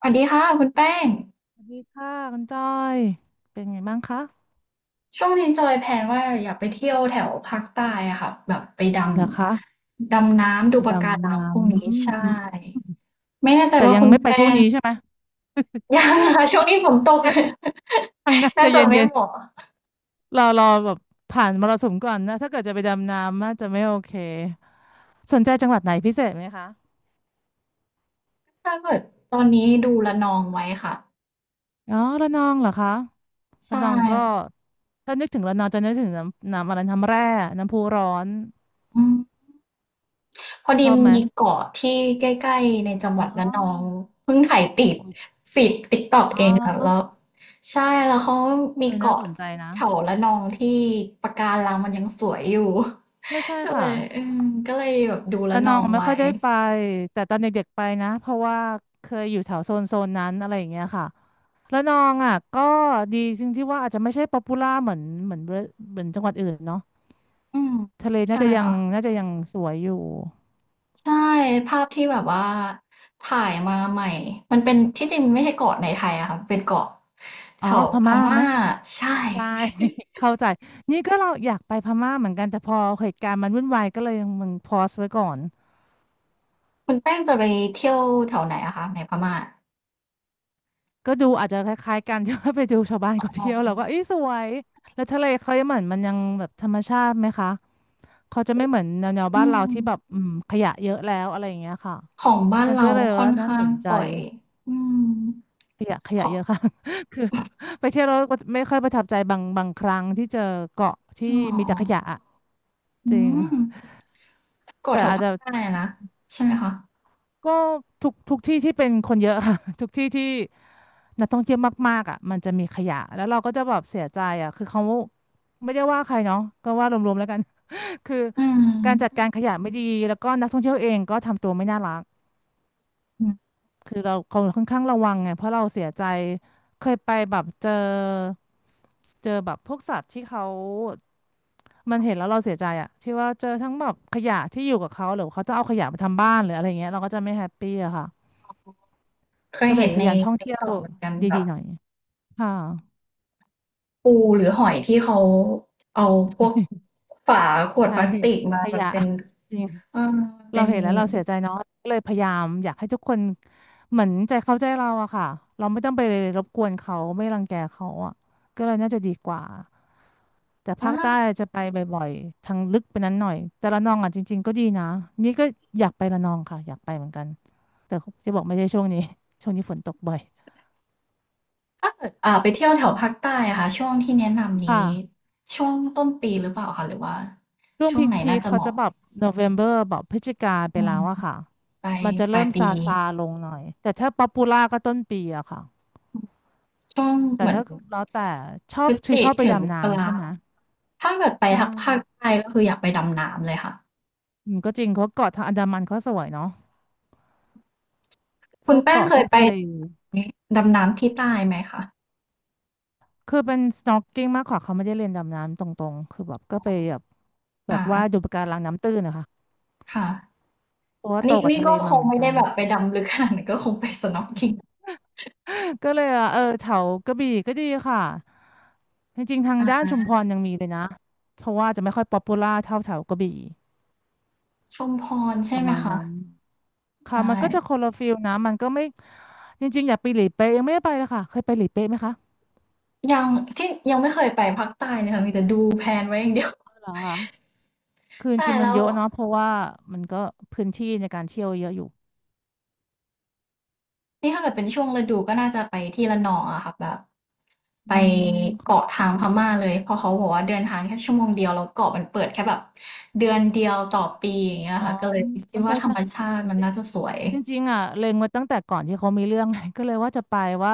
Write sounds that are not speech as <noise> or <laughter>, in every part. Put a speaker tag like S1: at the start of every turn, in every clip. S1: สวัสดีค่ะคุณแป้ง
S2: สวัสดีค่ะคุณจอยเป็นไงบ้างคะ
S1: ช่วงนี้จอยแพลนว่าอยากไปเที่ยวแถวภาคใต้อะค่ะแบบไปด
S2: เหรอคะ
S1: ำดำน้ำดู
S2: ไปด
S1: ปะกา
S2: ำ
S1: รัง
S2: น้
S1: พวกนี้ใช่
S2: ำอืม
S1: ไม่แน่ใจ
S2: แต่
S1: ว่า
S2: ยัง
S1: คุณ
S2: ไม่ไป
S1: แป้
S2: ช่วง
S1: ง
S2: นี้ใช่ไหม
S1: ยังค่ะ <laughs> ช่วงนี้ฝนตก
S2: ข้างหน้า
S1: <laughs> น่า
S2: จะ
S1: จะ
S2: เย็น
S1: ไม่เหมาะ
S2: ๆรอแบบผ่านมรสุมก่อนนะถ้าเกิดจะไปดำน้ำน่าจะไม่โอเคสนใจจังหวัดไหนพิเศษไหมคะ
S1: ถ้าเกิดตอนนี้ดูละนองไว้ค่ะ
S2: อ๋อระนองเหรอคะ
S1: ใช
S2: ระนองก็
S1: ่
S2: ถ้านึกถึงระนองจะนึกถึงน้ำอะไรน้ำแร่น้ำพุร้อน
S1: อืม พอ
S2: ช
S1: ดี
S2: อบไหม
S1: มีเกาะที่ใกล้ๆในจังห
S2: อ๋
S1: วัดระนอง
S2: อ
S1: เพิ่งถ่ายติด
S2: โอ้ย
S1: ฟีดติ๊กต็อก
S2: อ๋
S1: เองค่ะแล้ว
S2: อ
S1: ใช่แล้วเขามี
S2: เออน่า
S1: เกาะ
S2: สนใจนะ
S1: แถวระนองที่ปะการังมันยังสวยอยู่
S2: ใช่ใช่
S1: <laughs> ก็เล
S2: ค่ะ
S1: ยก็เลยแบบดูระ
S2: ระ
S1: น
S2: น
S1: อ
S2: อง
S1: ง
S2: ไม่
S1: ไว้
S2: ค่อยได้ไปแต่ตอนเด็กๆไปนะเพราะว่าเคยอยู่แถวโซนนั้นอะไรอย่างเงี้ยค่ะระนองอ่ะก็ดีจริงที่ว่าอาจจะไม่ใช่ป๊อปปูล่าเหมือนจังหวัดอื่นเนาะ
S1: อืม
S2: ทะเลน่า
S1: ใช่
S2: จะยัง
S1: ค่ะ
S2: น่าจะยังสวยอยู่
S1: ใช่ภาพที่แบบว่าถ่ายมาใหม่มันเป็นที่จริงไม่ใช่เกาะในไทยอะค่ะเป็นเกาะแถ
S2: อ๋อ
S1: ว
S2: พ
S1: พ
S2: ม่าไห
S1: ม่า
S2: ม
S1: ใช่
S2: ใช่ <laughs> เข้าใจนี่ก็เราอยากไปพม่าเหมือนกันแต่พอเหตุการณ์มันวุ่นวายก็เลยมึงพอสไว้ก่อน
S1: คุณแป้งจะไปเที่ยวแถวไหนอะคะในพม่า
S2: ก็ดูอาจจะคล้ายๆกัน <laughs> ที่ว่าไปดูชาวบ้านเขา
S1: อ๋
S2: เที่ยวเรา
S1: อ
S2: ก็เอ้ยสวยแล้วทะเลเขายังเหมือนมันยังแบบธรรมชาติไหมคะ เขาจะไม่เหมือนแนว
S1: อื
S2: บ้านเรา
S1: ม
S2: ที่แบบขยะเยอะแล้วอะไรอย่างเงี้ยค่ะ
S1: ของบ้าน
S2: มันก็
S1: เรา
S2: เลย
S1: ค่อ
S2: ว่า
S1: น
S2: น่า
S1: ข้า
S2: ส
S1: ง
S2: นใจ
S1: ปล่อยอืม
S2: ขยะข
S1: ข
S2: ยะ
S1: อ
S2: เยอะค่ะ <laughs> คือไปเที่ยวแล้วก็ไม่ค่อยประทับใจบางครั้งที่เจอเกาะ
S1: จ
S2: ที่
S1: ริงเหรอ
S2: มีแต่ขยะอะ
S1: อื
S2: จริง
S1: มเก่
S2: แต่
S1: แถว
S2: อาจ
S1: ภาค
S2: จะ
S1: ใต้อะนะใช่ไหมคะ
S2: ก็ทุกที่ที่เป็นคนเยอะค่ะ <laughs> ทุกที่ที่นักท่องเที่ยวมากๆอ่ะมันจะมีขยะแล้วเราก็จะแบบเสียใจอ่ะคือเขาไม่ได้ว่าใครเนาะก็ว่ารวมๆแล้วกัน <laughs> คือ
S1: อืม
S2: การจัดการขยะไม่ดีแล้วก็นักท่องเที่ยวเองก็ทำตัวไม่น่ารัก
S1: อืม
S2: คือเราเขาค่อนข้างระวังไงเพราะเราเสียใจเคยไปแบบเจอเจอแบบพวกสัตว์ที่เขามันเห็นแล้วเราเสียใจอะที่ว่าเจอทั้งแบบขยะที่อยู่กับเขาหรือเขาจะเอาขยะมาทำบ้านหรืออะไรเงี้ยเราก็จะไม่แฮปปี้อะค่ะ
S1: เคย
S2: ก็เล
S1: เห็
S2: ย
S1: น
S2: พ
S1: ใน
S2: ยายามท่องเที่ยว
S1: TikTok เหมือนกันแบ
S2: ดี
S1: บ
S2: ๆหน่อยค่ะ
S1: ปูหรือหอยที่เขาเอาพวกฝาขวด
S2: ใช่
S1: พลาสติกมา
S2: ข
S1: แบบ
S2: ยะ
S1: เป็น
S2: จริง
S1: เออเป็
S2: เรา
S1: น
S2: เห็นแล้ว
S1: เหมื
S2: เรา
S1: อน
S2: เสียใจเนาะก็เลยพยายามอยากให้ทุกคนเหมือนใจเข้าใจเราอะค่ะเราไม่ต้องไปรบกวนเขาไม่รังแกเขาอะก็เลยน่าจะดีกว่า แต่ภา
S1: อา
S2: คใต้จะไปบ่อยๆทางลึกไปนั้นหน่อยแต่ระนองอ่ะจริงๆก็ดีนะนี่ก็อยากไประนองค่ะอยากไปเหมือนกันแต่จะบอกไม่ใช่ช่วงนี้ <laughs> ช่วงนี้ฝนตกบ่อย
S1: ถ้าเกิดไปเที่ยวแถวภาคใต้อะค่ะช่วงที่แนะนำ
S2: ค่ะ
S1: นี้ช่วงต้นปีหรือเปล่าคะหรือว่า
S2: ช่วง
S1: ช่วงไหน
S2: พี
S1: น่า
S2: คๆ
S1: จะเห
S2: เขาจะ
S1: มาะ
S2: แบบโนเวมเบอร์แบบพฤศจิกาไป
S1: อื
S2: แล้
S1: ม
S2: วอะค่ะ
S1: ปลาย
S2: มันจะ
S1: ป
S2: เริ่
S1: ลาย
S2: ม
S1: ปี
S2: ซาลงหน่อยแต่ถ้าป๊อปปูล่าก็ต้นปีอะค่ะ
S1: ช่วง
S2: แต่
S1: เหมือน
S2: ถ้าแล้วแต่ชอ
S1: พ
S2: บ
S1: ฤศ
S2: คือ
S1: จิ
S2: ชอบไป
S1: ถึง
S2: ดำ
S1: ตุ
S2: น้ำใช่
S1: ลา
S2: ไหม
S1: ถ้าเกิดไป
S2: ใช่
S1: ทางภาคใต้ก็คืออยากไปดำน้ำเลยค่ะ
S2: ก็จริงเพราะเกาะทางอันดามันเขาสวยเนาะพ
S1: คุณ
S2: วก
S1: แป้ง
S2: เกาะ
S1: เค
S2: พ
S1: ย
S2: วก
S1: ไป
S2: ทะเล
S1: นี้ดำน้ำที่ใต้ไหมคะ
S2: คือเป็น snorkeling มากกว่าเขาไม่ได้เรียนดำน้ำตรงๆ คือแบบก็ไปแบบแบ
S1: อ่า
S2: บว่าดูปะการังน้ำตื้นนะคะ
S1: ค่ะ
S2: เพราะว่า
S1: อัน
S2: โต
S1: นี้
S2: กับ
S1: นี่
S2: ทะเล
S1: ก็ค
S2: มา
S1: ง
S2: เหมือน
S1: ไม่
S2: กั
S1: ได้
S2: น
S1: แบบไปดำลึกขนาดนั้นก็คงไป snorkeling
S2: ก็เลยอ่ะเออแถวกระบี่ก็ดีค่ะจริงๆทาง
S1: อา
S2: ด้านชุมพรยังมีเลยนะเพราะว่าจะไม่ค่อยป๊อปปูล่าเท่าแถวกระบี่
S1: ชุมพร
S2: ป
S1: ใช่
S2: ระ
S1: ไหม
S2: มาณ
S1: คะ
S2: นั้นค่ะ
S1: ได้
S2: มันก็จะคนละฟิลนะมันก็ไม่จริงๆอยากไปหลีเป๊ะยังไม่ได้ไปเลยค่ะเคยไปหลีเป๊ะไหมคะ
S1: ยังที่ยังไม่เคยไปภาคใต้เลยค่ะมีแต่ดูแพลนไว้อย่างเดียว
S2: เหรอคือจ
S1: ใช่
S2: ริงๆมั
S1: แล้
S2: น
S1: ว
S2: เยอะเนาะเพราะว่ามันก็พื้นที่ในการเที่ยวเยอะอยู่
S1: นี่ถ้าเกิดเป็นช่วงฤดูก็น่าจะไปที่ระนองอะค่ะแบบ ไป
S2: อืม
S1: เกาะ
S2: ค่ะ
S1: ทางพม่าเลยเพราะเขาบอกว่าเดินทางแค่ชั่วโมงเดียวแล้วเกาะมันเปิดแค่แบบเดือนเดียวต่อปีอย่างเงี้ย
S2: อ๋อ
S1: ค่ะก็เลย
S2: อ๋
S1: คิ
S2: อ
S1: ด
S2: ใช่
S1: ว่าธรรม
S2: ใช่
S1: ชาติมันน่าจะสวย
S2: จริงๆอ่ะเล็งไว้ตั้งแต่ก่อนที่เขามีเรื่องไง <laughs> ก็เลยว่าจะไปว่า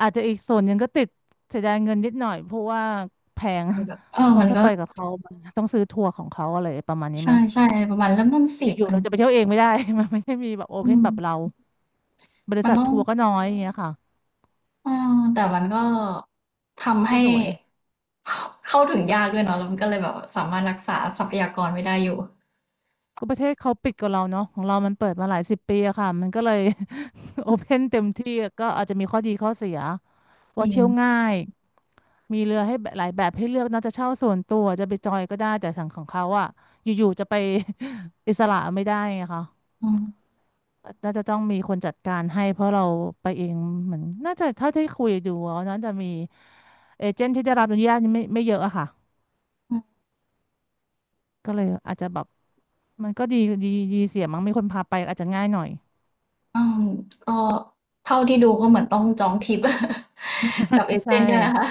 S2: อาจจะอีกส่วนหนึ่งก็ติดเสียดายเงินนิดหน่อยเพราะว่าแพง
S1: มันแบบเออ
S2: <laughs> เพราะ
S1: มัน
S2: ถ้า
S1: ก็
S2: ไปกับเขามันต้องซื้อทัวร์ของเขาอะไรประมาณนี้
S1: ใ
S2: ไหม
S1: ช่ๆประมาณเริ่มต้น
S2: อยู่ๆ
S1: 4,000
S2: เราจะไปเที่ยวเองไม่ได้ <laughs> มันไม่ได้มีแบบโอ
S1: อื
S2: เพน
S1: ม
S2: แบบเราบริ
S1: มัน
S2: ษัท
S1: ต้อง
S2: ทัวร์ก็น้อยอย่างเงี้ยค่ะ
S1: เออแต่มันก็ทำ
S2: ก็
S1: ให้
S2: สวย
S1: เข้าเข้าถึงยากด้วยเนาะแล้วมันก็เลยแบบสามารถรักษาทรัพยากรไว้ได้อยู่
S2: ก็ประเทศเขาปิดกับเราเนาะของเรามันเปิดมาหลายสิบปีอะค่ะมันก็เลย <laughs> โอเพนเต็มที่ก็อาจจะมีข้อดีข้อเสีย
S1: จ
S2: ว่า
S1: ริง
S2: เที่ยวง่าย มีเรือให้แบบหลายแบบให้เลือกเนอกจะเช่าส่วนตัวจะไปจอยก็ได้แต่ทางของเขาอะอยู่ๆจะไป <laughs> อิสระไม่ได้ไงคะ
S1: อืม
S2: น่าจะต้องมีคนจัดการให้เพราะเราไปเองเหมือนน่าจะเท่าที่คุยดูอะน่าจะมีเอเจนต์ที่ได้รับอนุญาตไม่เยอะอะค่ะ
S1: อืม
S2: ก็เลยอาจจะแบบมันก็ดีดีดีเสียมั้งมีคนพาไปอาจจะง่ายหน่อย
S1: อืมก็เท่าที่ดูก็เหมือนต้องจองทริป <laughs> กับเอ
S2: ใช
S1: เจนต์เนี่ยแหละค่ะ
S2: ่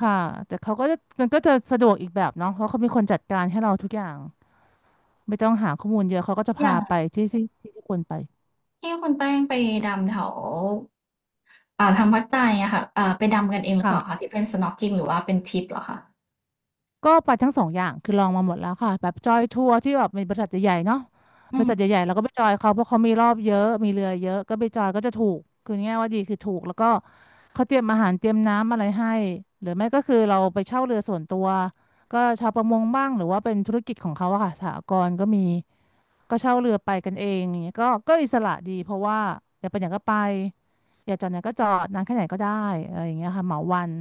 S2: ค่ะแต่เขาก็จะมันก็จะสะดวกอีกแบบเนาะเพราะเขามีคนจัดการให้เราทุกอย่างไม่ต้องหาข้อมูลเยอะเขาก็จะ
S1: อย่า
S2: พาไป
S1: ง
S2: ที่ที่ควรไป
S1: ที่คุณแป้งไปดำแถวทางวัดใจอะค่ะไปดำกันเองหรือเปล่าคะ
S2: ค่ะ
S1: ที่เป็น snorkeling หรือว่าเป็นทริปเหรอคะ
S2: ก็ไปทั้งสองอย่างคือลองมาหมดแล้วค่ะแบบจอยทัวร์ที่แบบมีบริษัทใหญ่ๆเนาะ
S1: อื
S2: บริษัทให
S1: ม
S2: ญ่ๆเราก็ไปจอยเขาเพราะเขามีรอบเยอะมีเรือเยอะก็ไปจอยก็จะถูกคือง่ายว่าดีคือถูกแล้วก็เขาเตรียมอาหารเตรียมน้ำอะไรให้หรือไม่ก็คือเราไปเช่าเรือส่วนตัวก็ชาวประมงบ้างหรือว่าเป็นธุรกิจของเขาอะค่ะสหกรณ์ก็มีเช่าเรือไปกันเองอย่างเงี้ยก็อิสระดีเพราะว่าอยากไปไหนก็ไปอยากจอดไหนก็จอดนานแค่ไหนก็ได้อะไรอย่างเงี้ยค่ะเหมาวัน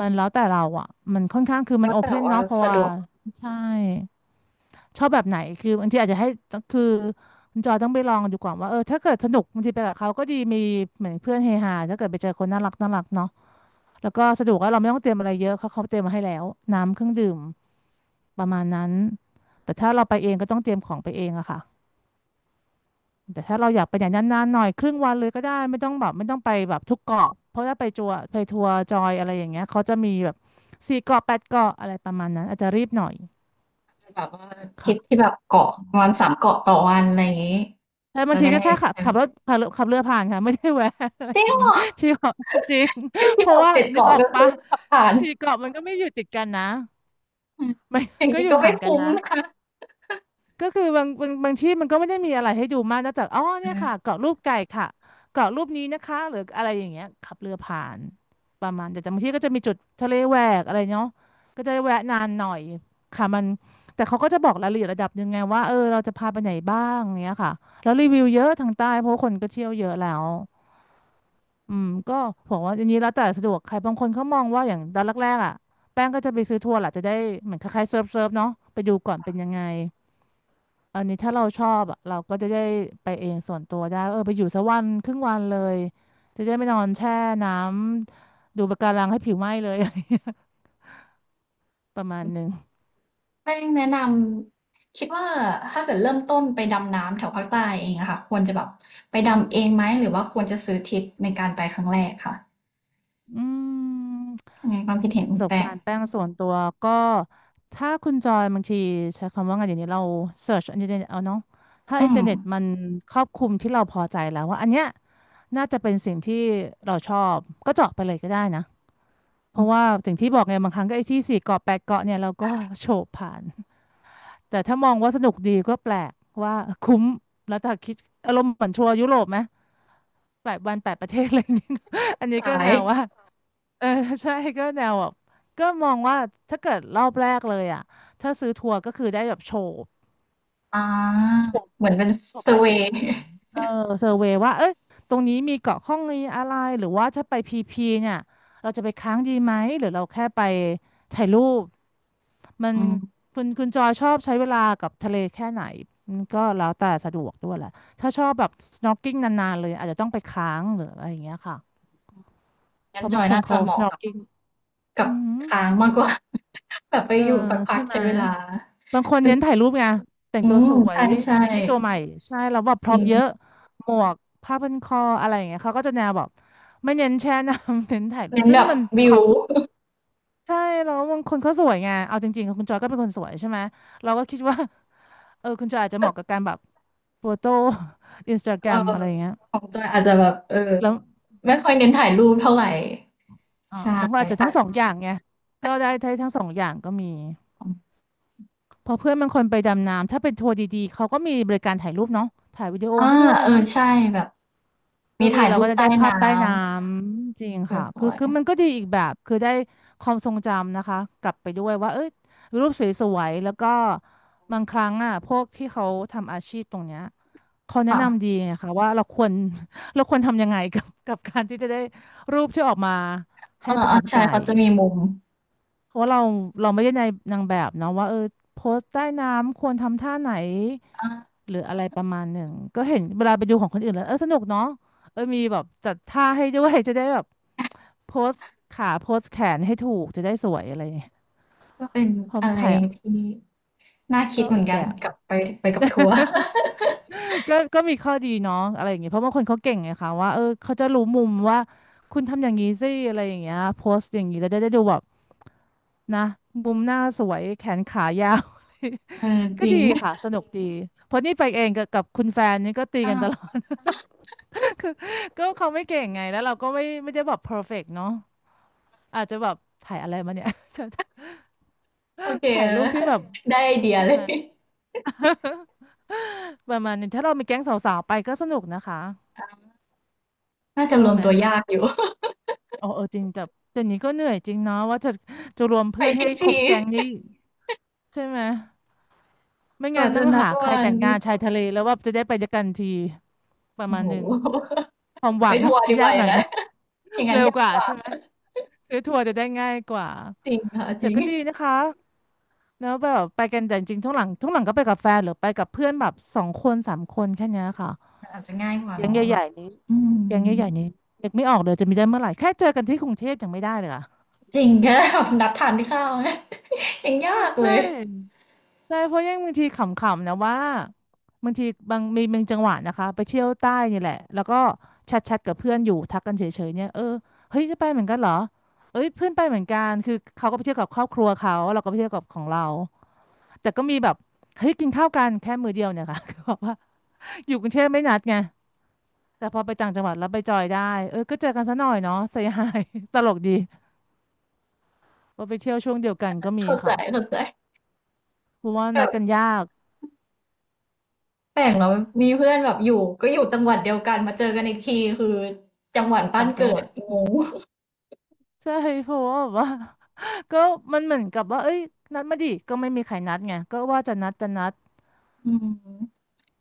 S2: มันแล้วแต่เราอ่ะมันค่อนข้างคือมั
S1: แล้
S2: น
S1: ว
S2: โอ
S1: แต่
S2: เพ่น
S1: ว่า
S2: เนาะเพราะ
S1: สะด
S2: ว่า
S1: วก
S2: ใช่ชอบแบบไหนคือบางทีอาจจะให้คือคุณจอยต้องไปลองดูก่อนว่าเออถ้าเกิดสนุกบางทีไปกับเขาก็ดีมีเหมือนเพื่อนเฮฮาถ้าเกิดไปเจอคนน่ารักน่ารักเนาะแล้วก็สะดวกแล้วเราไม่ต้องเตรียมอะไรเยอะเขาเตรียมมาให้แล้วน้ำเครื่องดื่มประมาณนั้นแต่ถ้าเราไปเองก็ต้องเตรียมของไปเองอะค่ะ แต่ถ้าเราอยากไปอย่างนานๆหน่อยครึ่งวันเลยก็ได้ไม่ต้องแบบไม่ต้องไปแบบทุกเกาะเพราะถ้าไปทัวร์จอยอะไรอย่างเงี้ยเขาจะมีแบบสี่เกาะแปดเกาะอะไรประมาณนั้นอาจจะรีบหน่อย
S1: อาจจะแบบว่าทริปที่
S2: ค่ะ
S1: แบบเกาะประมาณสามเกาะต่อวันอะไรอย่างงี้
S2: แต่บา
S1: จะ
S2: งที
S1: ได้
S2: ก็แค่ขับ
S1: อา
S2: ขับรถขับขับเรือผ่านค่ะไม่ได้แวะอะไร
S1: จริ
S2: อ
S1: ง
S2: ย่าง
S1: เหร
S2: งี้
S1: อ
S2: <laughs> ที่เกาะจริง
S1: ที่
S2: เพ
S1: ที่บ
S2: ราะ
S1: อก
S2: ว่า
S1: เจ็ด
S2: นึก
S1: เกาะ
S2: ออก
S1: ก็คื
S2: ปะ
S1: อขับผ่าน
S2: สี่เกาะมันก็ไม่อยู่ติดกันนะ
S1: อืม
S2: <laughs> มั
S1: อย่า
S2: น
S1: ง
S2: ก็
S1: งี้
S2: อยู่
S1: ก็ไม่
S2: ห่างกัน
S1: คุ้ม
S2: นะ
S1: นะคะ
S2: ก็คือบางที่มันก็ไม่ได้มีอะไรให้ดูมากนอกจากอ๋อเนี่ยค่ะ
S1: อา
S2: เกาะรูปไก่ค่ะเกาะรูปนี้นะคะหรืออะไรอย่างเงี้ยขับเรือผ่านประมาณแต่บางที่ก็จะมีจุดทะเลแหวกอะไรเนาะก็จะแวะนานหน่อยค่ะมันแต่เขาก็จะบอกรายละเอียดระดับยังไงว่าเออเราจะพาไปไหนบ้างเงี้ยค่ะแล้วรีวิวเยอะทางใต้เพราะว่าคนก็เที่ยวเยอะแล้วอืมก็บอกว่าอันนี้แล้วแต่สะดวกใครบางคนเขามองว่าอย่างตอนแรกๆอ่ะแป้งก็จะไปซื้อทัวร์แหละจะได้เหมือนคล้ายๆเซิร์ฟเนาะไปดูก่อนเป็นยังไง อันนี้ถ้าเราชอบอะเราก็จะได้ไปเองส่วนตัวได้เออไปอยู่สักวันครึ่งวันเลยจะได้ไม่นอนแช่น้ำดูปะการังให้ผิวไหม้เลย <laughs> ประมาณหนึ่ง
S1: แป้งแนะนำคิดว่าถ้าเกิดเริ่มต้นไปดำน้ำแถวภาคใต้เองอะค่ะควรจะแบบไปดำเองไหมหรือว่าควรจะซื้อทริปในการไปครั้งแรกคะ
S2: อืม
S1: อืมความคิดเห็น
S2: ป
S1: คุ
S2: ระ
S1: ณ
S2: ส
S1: แต
S2: บกา
S1: ก
S2: รณ์แป้งส่วนตัวก็ถ้าคุณจอยบางทีใช้คำว่าไงเดี๋ยวนี้เราเสิร์ชอินเทอร์เน็ตเอาเนาะถ้า
S1: อื
S2: อินเทอ
S1: ม
S2: ร์เน็ตมันครอบคลุมที่เราพอใจแล้วว่าอันเนี้ยน่าจะเป็นสิ่งที่เราชอบก็เจาะไปเลยก็ได้นะเพ
S1: อื
S2: ราะ
S1: ม
S2: ว่าสิ่งที่บอกไงบางครั้งก็ไอ้ที่สี่เกาะแปดเกาะเนี่ยเราก็โฉบผ่าน แต่ถ้ามองว่าสนุกดีก็แปลกว่าคุ้มแล้วถ้าคิดอารมณ์เหมือนทัวร์ยุโรปไหมแปดวันแปดประเทศอะไรอย่างเงี้ย <laughs> อันนี้ก็
S1: สา
S2: แน
S1: ย
S2: วว่าเออใช่ก็แนวแบบก็มองว่าถ้าเกิดรอบแรกเลยอ่ะถ้าซื้อทัวร์ก็คือได้แบบโชว์
S1: อา
S2: โชว์
S1: เหมือนเป็น sway อร์เวย์
S2: เออเซอร์เวย์ว่าเอ้ยตรงนี้มีเกาะข้องมีอะไร หรือว่าถ้าไปพีพีเนี่ย เราจะไปค้างดีไหม หรือเราแค่ไปถ่ายรูป มัน
S1: อืม
S2: คุณจอยชอบใช้เวลากับทะเลแค่ไหน มันก็แล้วแต่สะดวกด้วยแหละถ้าชอบแบบ snorkeling นานๆเลยอาจจะต้องไปค้างหรืออะไรอย่างเงี้ยค่ะเพ
S1: งั้น
S2: ราะ
S1: จ
S2: บา
S1: อ
S2: ง
S1: ย
S2: คน
S1: น่าจะ
S2: เขา
S1: เหมาะกับ
S2: snorkeling อื
S1: กับ
S2: ม
S1: ค้างมากกว่า <laughs> แบบไป
S2: เออ
S1: อยู่สักพั
S2: ใช่
S1: ก
S2: ไหม
S1: ใช้เวลา
S2: บางคน
S1: เป็น
S2: เน้นถ่ายรูปไงแต่ง
S1: อื
S2: ตัว
S1: ม
S2: สว
S1: ใช
S2: ย
S1: ่
S2: บิกินี่ตัวใหม่ใช่แล้วแบบพ
S1: ๆจ
S2: ร็
S1: ริ
S2: อพ
S1: ง
S2: เยอะหมวกผ้าพันคออะไรอย่างเงี้ยเขาก็จะแนวแบบไม่เน้นแช่น้ำ <laughs> เน้นถ่ายรูป
S1: เน้น
S2: ซึ่
S1: แบ
S2: ง
S1: บ
S2: มันมี
S1: วิ
S2: ค
S1: ว
S2: วามสุขใช่แล้วบางคนเขาสวยไงเอาจริงๆคุณจอยก็เป็นคนสวยใช่ไหมเราก็คิดว่าเออคุณจอยอาจจะเหมาะกับการแบบโฟโต้ <laughs> อินสตาแก
S1: <laughs>
S2: ร
S1: เอ
S2: ม
S1: อ
S2: อะไรอย่างเงี้ย
S1: ของจอยอาจจะแบบเออ
S2: แล้ว
S1: ไม่ค่อยเน้นถ่ายรูปเท่าไร
S2: อ่า
S1: ใช่
S2: บางคนอาจจะ
S1: อา
S2: ทั้
S1: จ
S2: งส
S1: จะ
S2: องอย่างไงก็ได้ได้ทั้งสองอย่างก็มี
S1: อืม
S2: พอเพื่อนบางคนไปดำน้ำถ้าเป็นทัวร์ดีๆเขาก็มีบริการถ่ายรูปเนาะถ่ายวิดีโอ
S1: อา
S2: ให้ด้วย
S1: เอ
S2: นะ
S1: อใช่แบบ
S2: ก็
S1: มี
S2: คือ
S1: ถ่าย
S2: เรา
S1: รู
S2: ก็
S1: ป
S2: จะ
S1: ใต้
S2: ได้ภา
S1: น้
S2: พใต้น้ำจริงค่ะ
S1: ำส
S2: คือ
S1: วย
S2: คือมันก็ดีอีกแบบคือได้ความทรงจำนะคะกลับไปด้วยว่าเอ้ยรูปสวยๆแล้วก็บางครั้งอ่ะพวกที่เขาทำอาชีพตรงเนี้ยเขา
S1: ๆ
S2: แนะ
S1: ค่ะ
S2: นำดีไงคะว่าเราควร <laughs> เราควรทำยังไงกับการที่จะได้รูปที่ออกมา
S1: เอ
S2: ให้ประ
S1: อ
S2: ทับ
S1: ๆใช่
S2: ใจ
S1: เขาจะมีมุม
S2: เพราะว่าเราไม่ได้ในนางแบบเนาะว่าเออโพสต์ใต้น้ำควรทำท่าไหน
S1: อา
S2: หรืออะไรประมาณหนึ่งก็เห็นเวลาไปดูของคนอื่นแล้วเออสนุกเนาะเออมีแบบจัดท่าให้ด้วย <laughs> จะได้แบบโพสต์ขาโพสต์แขนให้ถูกจะได้สวยอะไรอย่างเงี้ย
S1: ก็เป็น
S2: พอ
S1: อะไร
S2: ถ่าย
S1: ที่น่าคิด
S2: ก็
S1: เหมื
S2: อี
S1: อน
S2: ก
S1: กั
S2: แบ
S1: น
S2: บ
S1: กลับไปไปกับทัวร์ <laughs>
S2: <laughs> ก็มีข้อดีเนาะอะไรอย่างเงี้ยเพราะบางคนเขาเก่งไงคะว่าเออเขาจะรู้มุมว่าคุณทำอย่างนี้สิอะไรอย่างเงี้ยโพสต์อย่างนี้แล้วจะได้ดูแบบนะมุมหน้าสวยแขนขายาว <laughs>
S1: เออจ
S2: ก็
S1: ริ
S2: ดี
S1: ง
S2: ค่ะสนุกดีเพราะนี่ไปเองกับคุณแฟนนี่ก็ตีกันตล
S1: อา
S2: อด <laughs> ก็เขาไม่เก่งไงแล้วเราก็ไม่ได้แบบ perfect เนาะอาจจะแบบถ่ายอะไรมาเนี่ย
S1: โอเค
S2: <laughs> ถ่ายรูป
S1: <laughs>
S2: ที่แบบ
S1: ได้ไอเดีย
S2: ใช่
S1: เล
S2: ไห
S1: ย
S2: ม
S1: <laughs>
S2: <laughs> ประมาณนี้ถ้าเรามีแก๊งสาวๆไปก็สนุกนะคะ
S1: น่าจะร
S2: ว่า
S1: วม
S2: ไหม
S1: ตัวยากอยู่
S2: เออเออจริงแต่เดี๋ยวนี้ก็เหนื่อยจริงเนาะว่าจะจะรวม
S1: <laughs> ไป
S2: เพื่อน
S1: ทริ
S2: ให้
S1: ป
S2: คร
S1: ที
S2: บ
S1: <laughs>
S2: แก๊งนี้ใช่ไหมไม่
S1: ก
S2: งั้
S1: ว่า
S2: นต้
S1: จะ
S2: อง
S1: นัด
S2: หาใคร
S1: วัน
S2: แต่งงานชายทะเล แล้วว่าจะได้ไปด้วยกันทีประ
S1: โอ้
S2: มาณ
S1: โฮ
S2: หนึ่ง
S1: <laughs>
S2: ความห
S1: ไป
S2: วัง
S1: ทัวร์ดี
S2: <laughs>
S1: ก
S2: ยา
S1: ว่า
S2: ก
S1: อ
S2: หน่
S1: ย่า
S2: อย
S1: ง
S2: ไห
S1: งั้
S2: ม
S1: น <laughs> อย่างงั้
S2: เร็
S1: น
S2: ว
S1: ยา
S2: ก
S1: ก
S2: ว่า
S1: กว่า
S2: ใช่ไหม
S1: <laughs>
S2: ซื้อทัวร์จะได้ง่ายกว่า
S1: จริงค่ะจ
S2: แต่
S1: ริง
S2: ก็ดีนะคะแล้วแบบไปกันแต่จริงๆช่วงหลังก็ไปกับแฟนหรือไปกับเพื่อนแบบสองคนสามคนแค่เนี้ยค่ะ
S1: มันอาจจะง่ายกว่า
S2: แก๊ง
S1: เนาะแบ
S2: ใหญ่
S1: บ
S2: ๆนี้
S1: อื
S2: แก๊ง
S1: ม
S2: ใหญ่ๆนี้นึกไม่ออกเลยจะมีได้เมื่อไหร่แค่เจอกันที่กรุงเทพยังไม่ได้เลยอะ
S1: จริงแค่ <laughs> แบบนัดทานข้าว <laughs> ยังยาก
S2: <laughs>
S1: เล
S2: ใช่
S1: ย
S2: ใช่เพราะยังบางทีขำๆนะว่าบางทีบางมีบางจังหวะนะคะไปเที่ยวใต้นี่แหละแล้วก็แชทๆกับเพื่อนอยู่ทักกันเฉยๆเนี่ยเออเฮ้ยจะไปเหมือนกันเหรอเอ้ยเพื่อนไปเหมือนกันคือเขาก็ไปเที่ยวกับครอบครัวเขาเราก็ไปเที่ยวกับของเราแต่ก็มีแบบเฮ้ยกินข้าวกันแค่มื้อเดียวเนี่ยค่ะ <laughs> ก็บอกว่าอยู่กรุงเทพไม่นัดไงแต่พอไปต่างจังหวัดแล้วไปจอยได้เออก็เจอกันซะหน่อยเนาะเซฮาย <laughs> ตลกดีว่าไปเที่ยวช่วงเดียวกันก็มี
S1: เข้าใจ
S2: ค่ะ
S1: ๆแบ
S2: เพราะว่านัดกัน
S1: บ
S2: ยาก
S1: แปลกเนาะมีเพื่อนแบบอยู่ก็อยู่จังหวัดเดียวกันมาเจอกันอีกทีคือจังหวัดบ้า
S2: ต่า
S1: น
S2: งจั
S1: เกิ
S2: งหวั
S1: ด
S2: ด
S1: งง
S2: ใช่เพราะว่าแบบว่า <laughs> ก็มันเหมือนกับว่าเอ้ยนัดมาดิก็ไม่มีใครนัดไงก็ว่าจะนัด
S1: อืม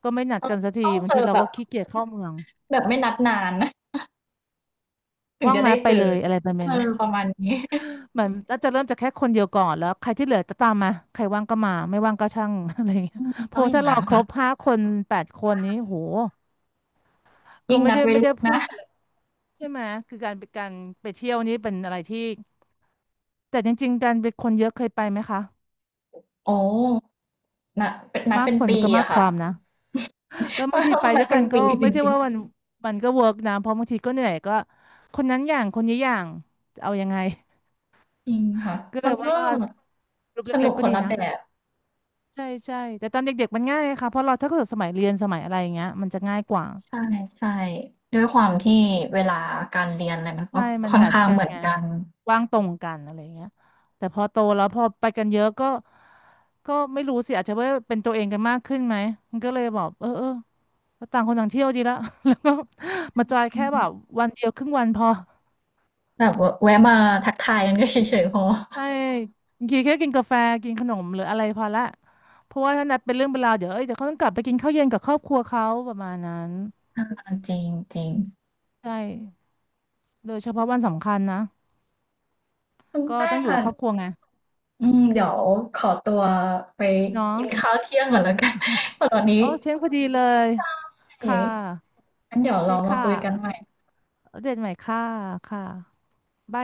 S2: ก็ไม่นัด
S1: ต้อง
S2: กันสักที
S1: ต้อง
S2: บา
S1: เจ
S2: งที
S1: อ
S2: เรา
S1: แบ
S2: ก็
S1: บ
S2: ขี้เกียจเข้าเมือง
S1: แบบไม่นัดนานถึง
S2: ว่าง
S1: จะ
S2: ไหม
S1: ได้
S2: ไป
S1: เจอ
S2: เลยอะไรไปไหม
S1: เออ
S2: ไหม
S1: ประมาณนี้
S2: เหมือนน่าจะเริ่มจากแค่คนเดียวก่อนแล้วใครที่เหลือจะตามมาใครว่างก็มาไม่ว่างก็ช่าง <laughs> อะไรอย่างเงี้ย
S1: อืม
S2: เพ
S1: ต้อ
S2: ราะ
S1: งอย่า
S2: ถ้า
S1: ง
S2: เรา
S1: งั้น
S2: คร
S1: ค่ะ
S2: บห้าคนแปดคนนี้โหก็
S1: ยิ่ง
S2: ไม่
S1: นัด
S2: ได้
S1: ไว้
S2: ไม่
S1: ล่
S2: ได้
S1: วงห
S2: พู
S1: น้า
S2: ดอะไรใช่ไหมคือการไปการไปเที่ยวนี้เป็นอะไรที่แต่จริงๆการไปคนเยอะเคยไปไหมคะ
S1: อ๋อนะเป็นนัด
S2: มาก
S1: เป็น
S2: คน
S1: ปี
S2: ก็มาก
S1: อะ
S2: ค
S1: ค่ะ
S2: วามนะ แล้วบาง
S1: น
S2: ที
S1: ต้อง
S2: ไป
S1: นั
S2: ด้
S1: ด
S2: วย
S1: เป็
S2: กั
S1: น
S2: นก็
S1: ปีจ
S2: ไม่ใช่
S1: ริง
S2: ว่ามันมันก็เวิร์กนะเพราะบางทีก็เหนื่อยก็คนนั้นอย่างคนนี้อย่างจะเอายังไง
S1: ๆจริงค่ะ
S2: <laughs> ก็เล
S1: มั
S2: ย
S1: น
S2: ว่า
S1: ก็
S2: กลุ่ม
S1: สนุ
S2: เล็ก
S1: ก
S2: ๆก็
S1: คน
S2: ดี
S1: ละ
S2: นะ
S1: แบบ
S2: ใช่ใช่แต่ตอนเด็กๆมันง่ายค่ะเพราะเราถ้าเกิดสมัยเรียนสมัยอะไรอย่างเงี้ยมันจะง่ายกว่า
S1: ใช่ๆด้วยความที่เวลาการเรียนอะไรมันก็
S2: ใช่มัน
S1: ค่อน
S2: แมทช์
S1: ข้าง
S2: กัน
S1: เหมือน
S2: ไง
S1: กัน
S2: ว่างตรงกันอะไรอย่างเงี้ยแต่พอโตแล้วพอไปกันเยอะก็ก็ไม่รู้สิอาจจะว่าเป็นตัวเองกันมากขึ้นไหมมันก็เลยบอกเออเออต่างคนต่างเที่ยวดีละ <laughs> แล้วก็ <laughs> มาจอย
S1: อื
S2: แค่แบบ
S1: ม
S2: วันเดียวครึ่งวันพอ
S1: แบบววะแวะมาทักทายกันก็เฉยๆพอ
S2: ใช่บางทีแค่กินกาแฟกินขนมหรืออะไรพอละเพราะว่าถ้านัดเป็นเรื่องเป็นราวเดี๋ยวเอ้ยเดี๋ยวเขาต้องกลับไปกินข้าวเย็นกับครอบครัวเขาประมาณนั้น
S1: อาจริงจริง
S2: ใช่โดยเฉพาะวันสำคัญนะ
S1: คุณ
S2: ก็
S1: แป้
S2: ต้
S1: ง
S2: องอยู่
S1: ค่ะ
S2: กับครอบครัวไง
S1: อืมเดี๋ยวขอตัวไป
S2: เนาะ
S1: กินข้าวเที่ยงก่อนแล้วกัน <laughs> ตอนนี้
S2: โอ้เช้งพอดีเลย
S1: เอ
S2: ค่ะ
S1: ะงั้นเดี๋ยว
S2: โอเฮ้
S1: เรา
S2: ย
S1: มา
S2: ค่ะ
S1: คุยกันใหม่
S2: เอาเดดใหม่ค่ะค่ะ